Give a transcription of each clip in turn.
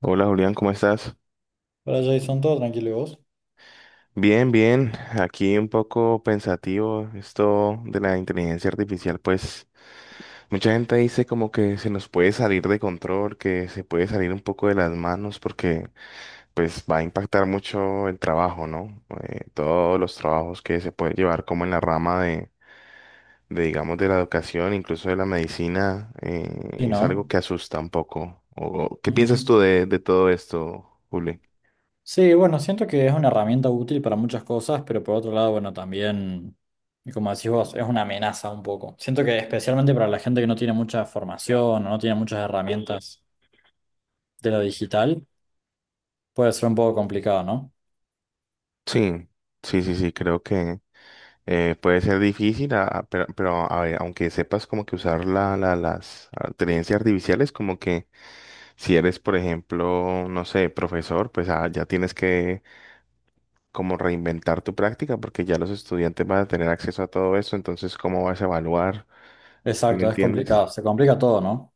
Hola Julián, ¿cómo estás? Para Jason, todo tranquilo, ¿y vos? Bien, bien. Aquí un poco pensativo esto de la inteligencia artificial, pues mucha gente dice como que se nos puede salir de control, que se puede salir un poco de las manos porque pues va a impactar mucho el trabajo, ¿no? Todos los trabajos que se pueden llevar como en la rama de, digamos, de la educación, incluso de la medicina, Sí, es ¿no? algo que asusta un poco. ¿Qué piensas Ujú. tú de todo esto, Juli? Sí, bueno, siento que es una herramienta útil para muchas cosas, pero por otro lado, bueno, también, y como decís vos, es una amenaza un poco. Siento que especialmente para la gente que no tiene mucha formación o no tiene muchas herramientas de lo digital, puede ser un poco complicado, ¿no? Sí, sí, sí, sí, creo que... Puede ser difícil, pero a ver, aunque sepas como que usar las inteligencias artificiales, como que si eres, por ejemplo, no sé, profesor, pues ah, ya tienes que como reinventar tu práctica porque ya los estudiantes van a tener acceso a todo eso, entonces, ¿cómo vas a evaluar? ¿Sí me Exacto, es entiendes? complicado, se complica todo, ¿no?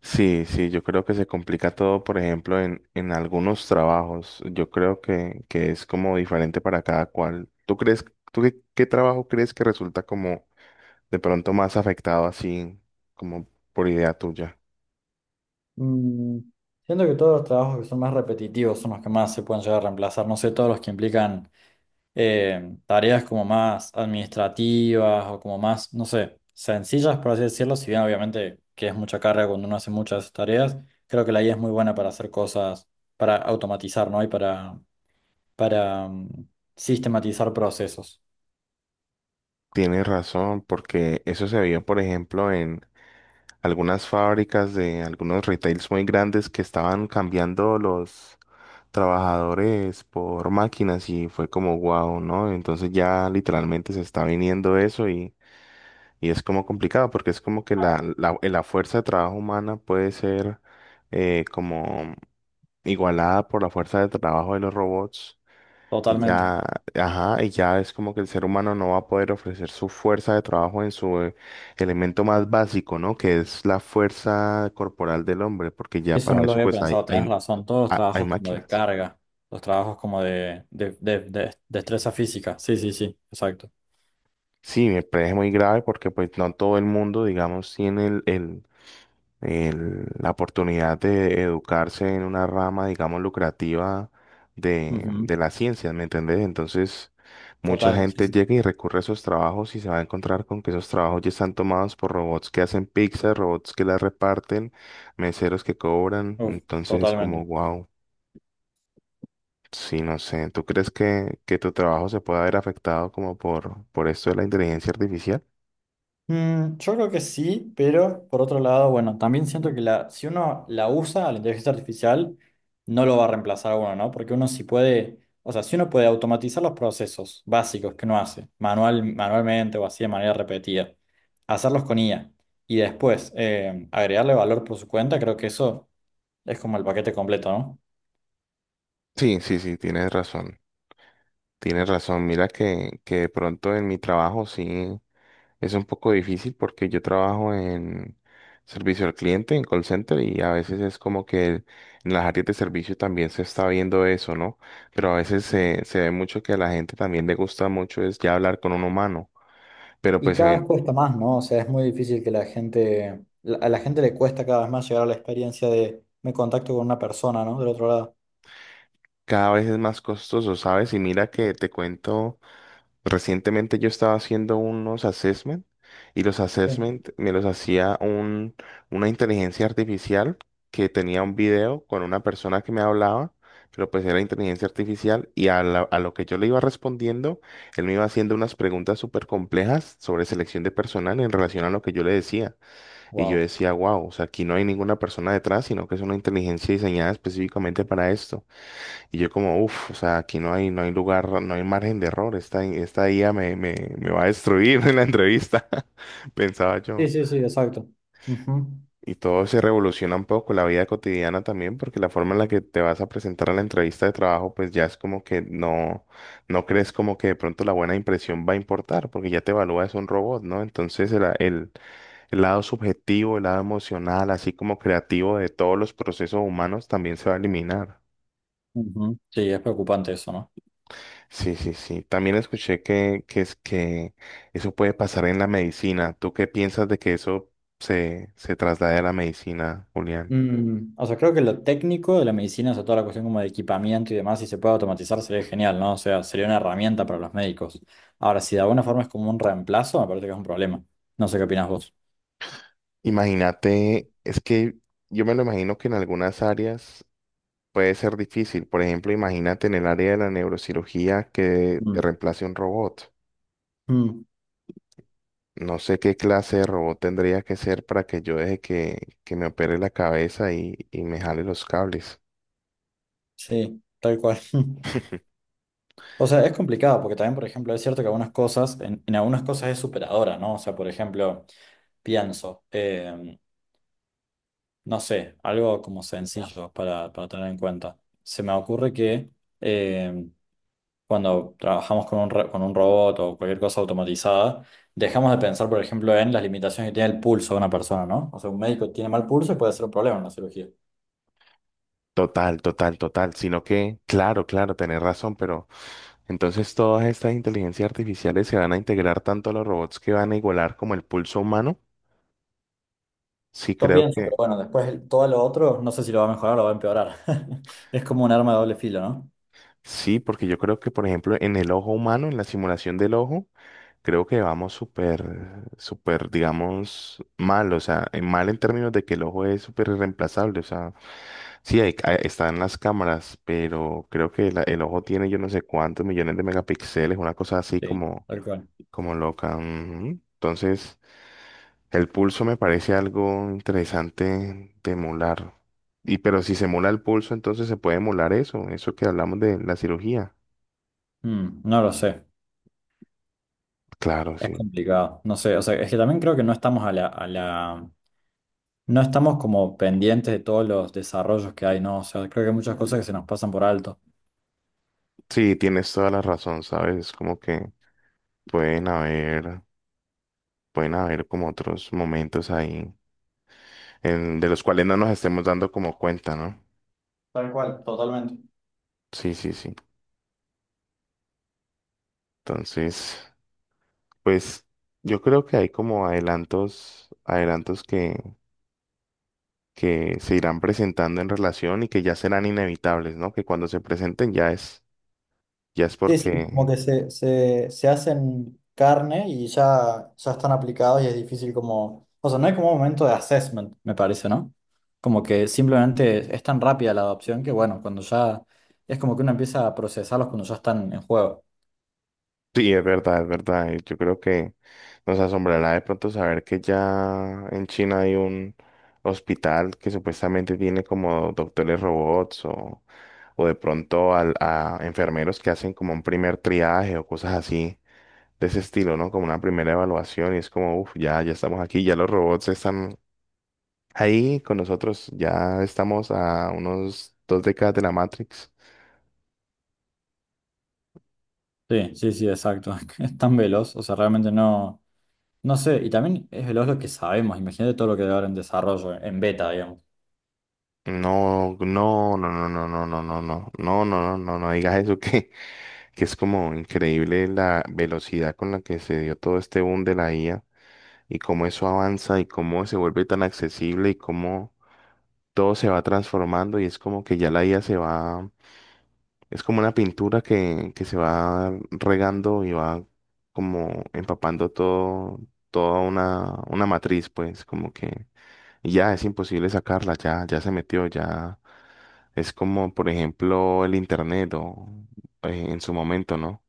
Sí, sí, yo creo que se complica todo, por ejemplo, en algunos trabajos. Yo creo que es como diferente para cada cual. ¿Tú crees, tú qué trabajo crees que resulta como de pronto más afectado así como por idea tuya? Mm, siento que todos los trabajos que son más repetitivos son los que más se pueden llegar a reemplazar, no sé, todos los que implican tareas como más administrativas o como más, no sé, sencillas, por así decirlo, si bien obviamente que es mucha carga cuando uno hace muchas tareas, creo que la IA es muy buena para hacer cosas, para automatizar, ¿no? Y para sistematizar procesos, Tienes razón, porque eso se vio, por ejemplo, en algunas fábricas de algunos retails muy grandes que estaban cambiando los trabajadores por máquinas y fue como wow, ¿no? Entonces ya literalmente se está viniendo eso y es como complicado porque es como que la fuerza de trabajo humana puede ser como igualada por la fuerza de trabajo de los robots. Y totalmente. ya, ajá, y ya es como que el ser humano no va a poder ofrecer su fuerza de trabajo en su elemento más básico, ¿no? Que es la fuerza corporal del hombre, porque ya Eso no para lo eso había pues pensado, tenés razón, todos los hay trabajos como de máquinas. carga, los trabajos como de destreza física, sí, sí, sí, exacto. Sí, me parece muy grave porque pues no todo el mundo, digamos, tiene la oportunidad de educarse en una rama, digamos, lucrativa Ujú. de la ciencia, ¿me entendés? Entonces, mucha Total, sí, gente sí. llega y recurre a esos trabajos y se va a encontrar con que esos trabajos ya están tomados por robots que hacen pizza, robots que la reparten, meseros que cobran. Uf, Entonces es como, totalmente. wow, sí, no sé. ¿Tú crees que tu trabajo se pueda ver afectado como por esto de la inteligencia artificial? Mm, yo creo que sí, pero por otro lado, bueno, también siento que si uno la usa a la inteligencia artificial, no lo va a reemplazar a uno, ¿no? Porque uno sí puede, o sea, si uno puede automatizar los procesos básicos que uno hace, manual, manualmente o así de manera repetida, hacerlos con IA y después agregarle valor por su cuenta, creo que eso es como el paquete completo, ¿no? Sí, sí, sí, tienes razón. Tienes razón. Mira que de pronto en mi trabajo sí. Es un poco difícil porque yo trabajo en servicio al cliente, en call center, y a veces es como que en las áreas de servicio también se está viendo eso, ¿no? Pero a veces se ve mucho que a la gente también le gusta mucho es ya hablar con un humano, pero Y pues se cada vez ven cuesta más, ¿no? O sea, es muy difícil que la gente, a la gente le cuesta cada vez más llegar a la experiencia de me contacto con una persona, ¿no? Del otro lado. cada vez es más costoso, ¿sabes? Y mira que te cuento. Recientemente yo estaba haciendo unos assessment y los Sí. assessment me los hacía una inteligencia artificial que tenía un video con una persona que me hablaba, pero pues era inteligencia artificial y a lo que yo le iba respondiendo, él me iba haciendo unas preguntas súper complejas sobre selección de personal en relación a lo que yo le decía. Y yo Wow. decía, wow, o sea, aquí no hay ninguna persona detrás, sino que es una inteligencia diseñada específicamente para esto. Y yo como, uff, o sea, aquí no hay, no hay lugar, no hay margen de error, esta IA me va a destruir en la entrevista, pensaba Sí, yo. sí, sí, exacto. Ujú. Y todo se revoluciona un poco, la vida cotidiana también, porque la forma en la que te vas a presentar a la entrevista de trabajo, pues ya es como que no, no crees como que de pronto la buena impresión va a importar, porque ya te evalúa es un robot, ¿no? Entonces el lado subjetivo, el lado emocional, así como creativo de todos los procesos humanos también se va a eliminar. Ujú. Sí, es preocupante eso, ¿no? Sí, sí, sí. También escuché que es que eso puede pasar en la medicina. ¿Tú qué piensas de que eso se traslade a la medicina, Julián? Mm, o sea, creo que lo técnico de la medicina, o sea, toda la cuestión como de equipamiento y demás, si se puede automatizar sería genial, ¿no? O sea, sería una herramienta para los médicos. Ahora, si de alguna forma es como un reemplazo, me parece que es un problema. No sé qué opinas vos. Imagínate, es que yo me lo imagino que en algunas áreas puede ser difícil. Por ejemplo, imagínate en el área de la neurocirugía que te Mm. reemplace un robot. Mm, No sé qué clase de robot tendría que ser para que yo deje que me opere la cabeza y me jale los cables. sí, tal cual. O sea, es complicado porque también, por ejemplo, es cierto que algunas cosas, en algunas cosas es superadora, ¿no? O sea, por ejemplo, pienso, no sé, algo como sencillo para tener en cuenta. Se me ocurre que em, cuando trabajamos con un, con un robot o cualquier cosa automatizada, dejamos de pensar, por ejemplo, en las limitaciones que tiene el pulso de una persona, ¿no? O sea, un médico tiene mal pulso y puede ser un problema en la cirugía. Total, total, total. Sino que, claro, claro, tenés razón, pero entonces todas estas inteligencias artificiales se van a integrar tanto a los robots que van a igualar como el pulso humano. Sí, Yo creo pienso, que pero bueno, después todo lo otro, no sé si lo va a mejorar o va a empeorar. Es como un arma de doble filo, ¿no? sí, porque yo creo que, por ejemplo, en el ojo humano, en la simulación del ojo, creo que vamos súper, súper, digamos, mal. O sea, en- mal en términos de que el ojo es súper irreemplazable. O sea, sí, están las cámaras, pero creo que el ojo tiene yo no sé cuántos millones de megapíxeles, una cosa así Sí, como, tal cual. como loca. Ujú. Entonces... el pulso me parece algo interesante de emular. Y pero si se emula el pulso, entonces se puede emular eso, eso que hablamos de la cirugía. Mm, no lo sé, Claro, es sí. complicado, no sé, o sea, es que también creo que no estamos no estamos como pendientes de todos los desarrollos que hay, ¿no? O sea, creo que hay muchas cosas que se nos pasan por alto. Sí, tienes toda la razón, ¿sabes? Es como que pueden haber, pueden haber como otros momentos ahí en, de los cuales no nos estemos dando como cuenta, ¿no? Tal cual, totalmente. Sí, sí, sí. Entonces, pues yo creo que hay como adelantos, adelantos que se irán presentando en relación y que ya serán inevitables, ¿no? Que cuando se presenten ya es Sí, sí, como porque... que se hacen carne y ya, ya están aplicados y es difícil como, o sea, no hay como un momento de assessment, me parece, ¿no? Como que simplemente es tan rápida la adopción que bueno, cuando ya, es como que uno empieza a procesarlos cuando ya están en juego. Sí, es verdad, es verdad. Y yo creo que nos asombrará de pronto saber que ya en China hay un hospital que supuestamente tiene como doctores robots o de pronto a enfermeros que hacen como un primer triaje o cosas así de ese estilo, ¿no? Como una primera evaluación y es como, uff, ya, ya estamos aquí, ya los robots están ahí con nosotros, ya estamos a unos dos décadas de la Matrix. Sí, sí, sí, exacto. Es tan veloz, o sea, realmente no, no sé. Y también es veloz lo que sabemos. Imagínate todo lo que debe haber en desarrollo, en beta, digamos. No, no, no, no, no, no, no, no, no, no, no, no, no, no digas eso que es como increíble la velocidad con la que se dio todo este boom de la IA y cómo eso avanza y cómo se vuelve tan accesible y cómo todo se va transformando y es como que ya la IA se va, es como una pintura que se va regando y va como empapando todo, toda una matriz, pues como que ya es imposible sacarla, ya, ya se metió, ya es como, por ejemplo, el internet o en su momento, ¿no?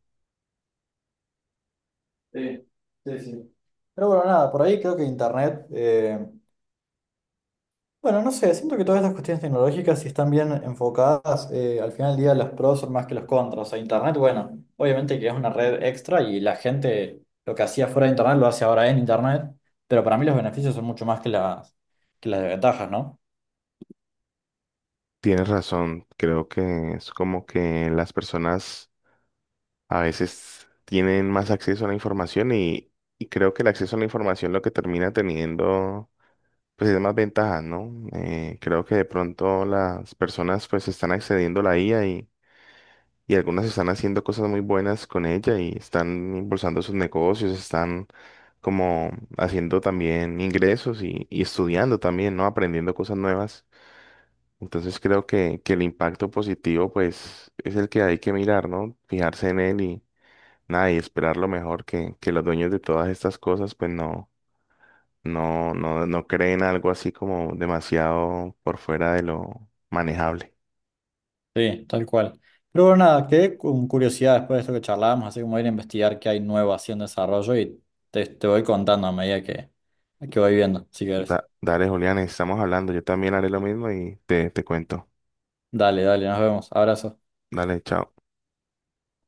Sí, sí, sí. Pero bueno, nada, por ahí creo que Internet, bueno, no sé, siento que todas estas cuestiones tecnológicas, si están bien enfocadas, al final del día los pros son más que los contras. O sea, Internet, bueno, obviamente que es una red extra y la gente lo que hacía fuera de Internet lo hace ahora en Internet, pero para mí los beneficios son mucho más que las desventajas, ¿no? Tienes razón, creo que es como que las personas a veces tienen más acceso a la información y creo que el acceso a la información lo que termina teniendo pues es más ventajas, ¿no? Creo que de pronto las personas pues están accediendo a la IA y algunas están haciendo cosas muy buenas con ella y están impulsando sus negocios, están como haciendo también ingresos y estudiando también, ¿no? Aprendiendo cosas nuevas. Entonces creo que el impacto positivo pues es el que hay que mirar, ¿no? Fijarse en él. Nada, y esperar lo mejor que los dueños de todas estas cosas pues no creen algo así como demasiado por fuera de lo manejable. Sí, tal cual. Pero bueno, nada, quedé con curiosidad después de esto que charlábamos, así como ir a investigar qué hay nuevo así en desarrollo y te voy contando a medida que voy viendo, si querés. Dale, Julián, estamos hablando. Yo también haré lo mismo y te cuento. Dale, dale, nos vemos. Abrazo. Dale, chao.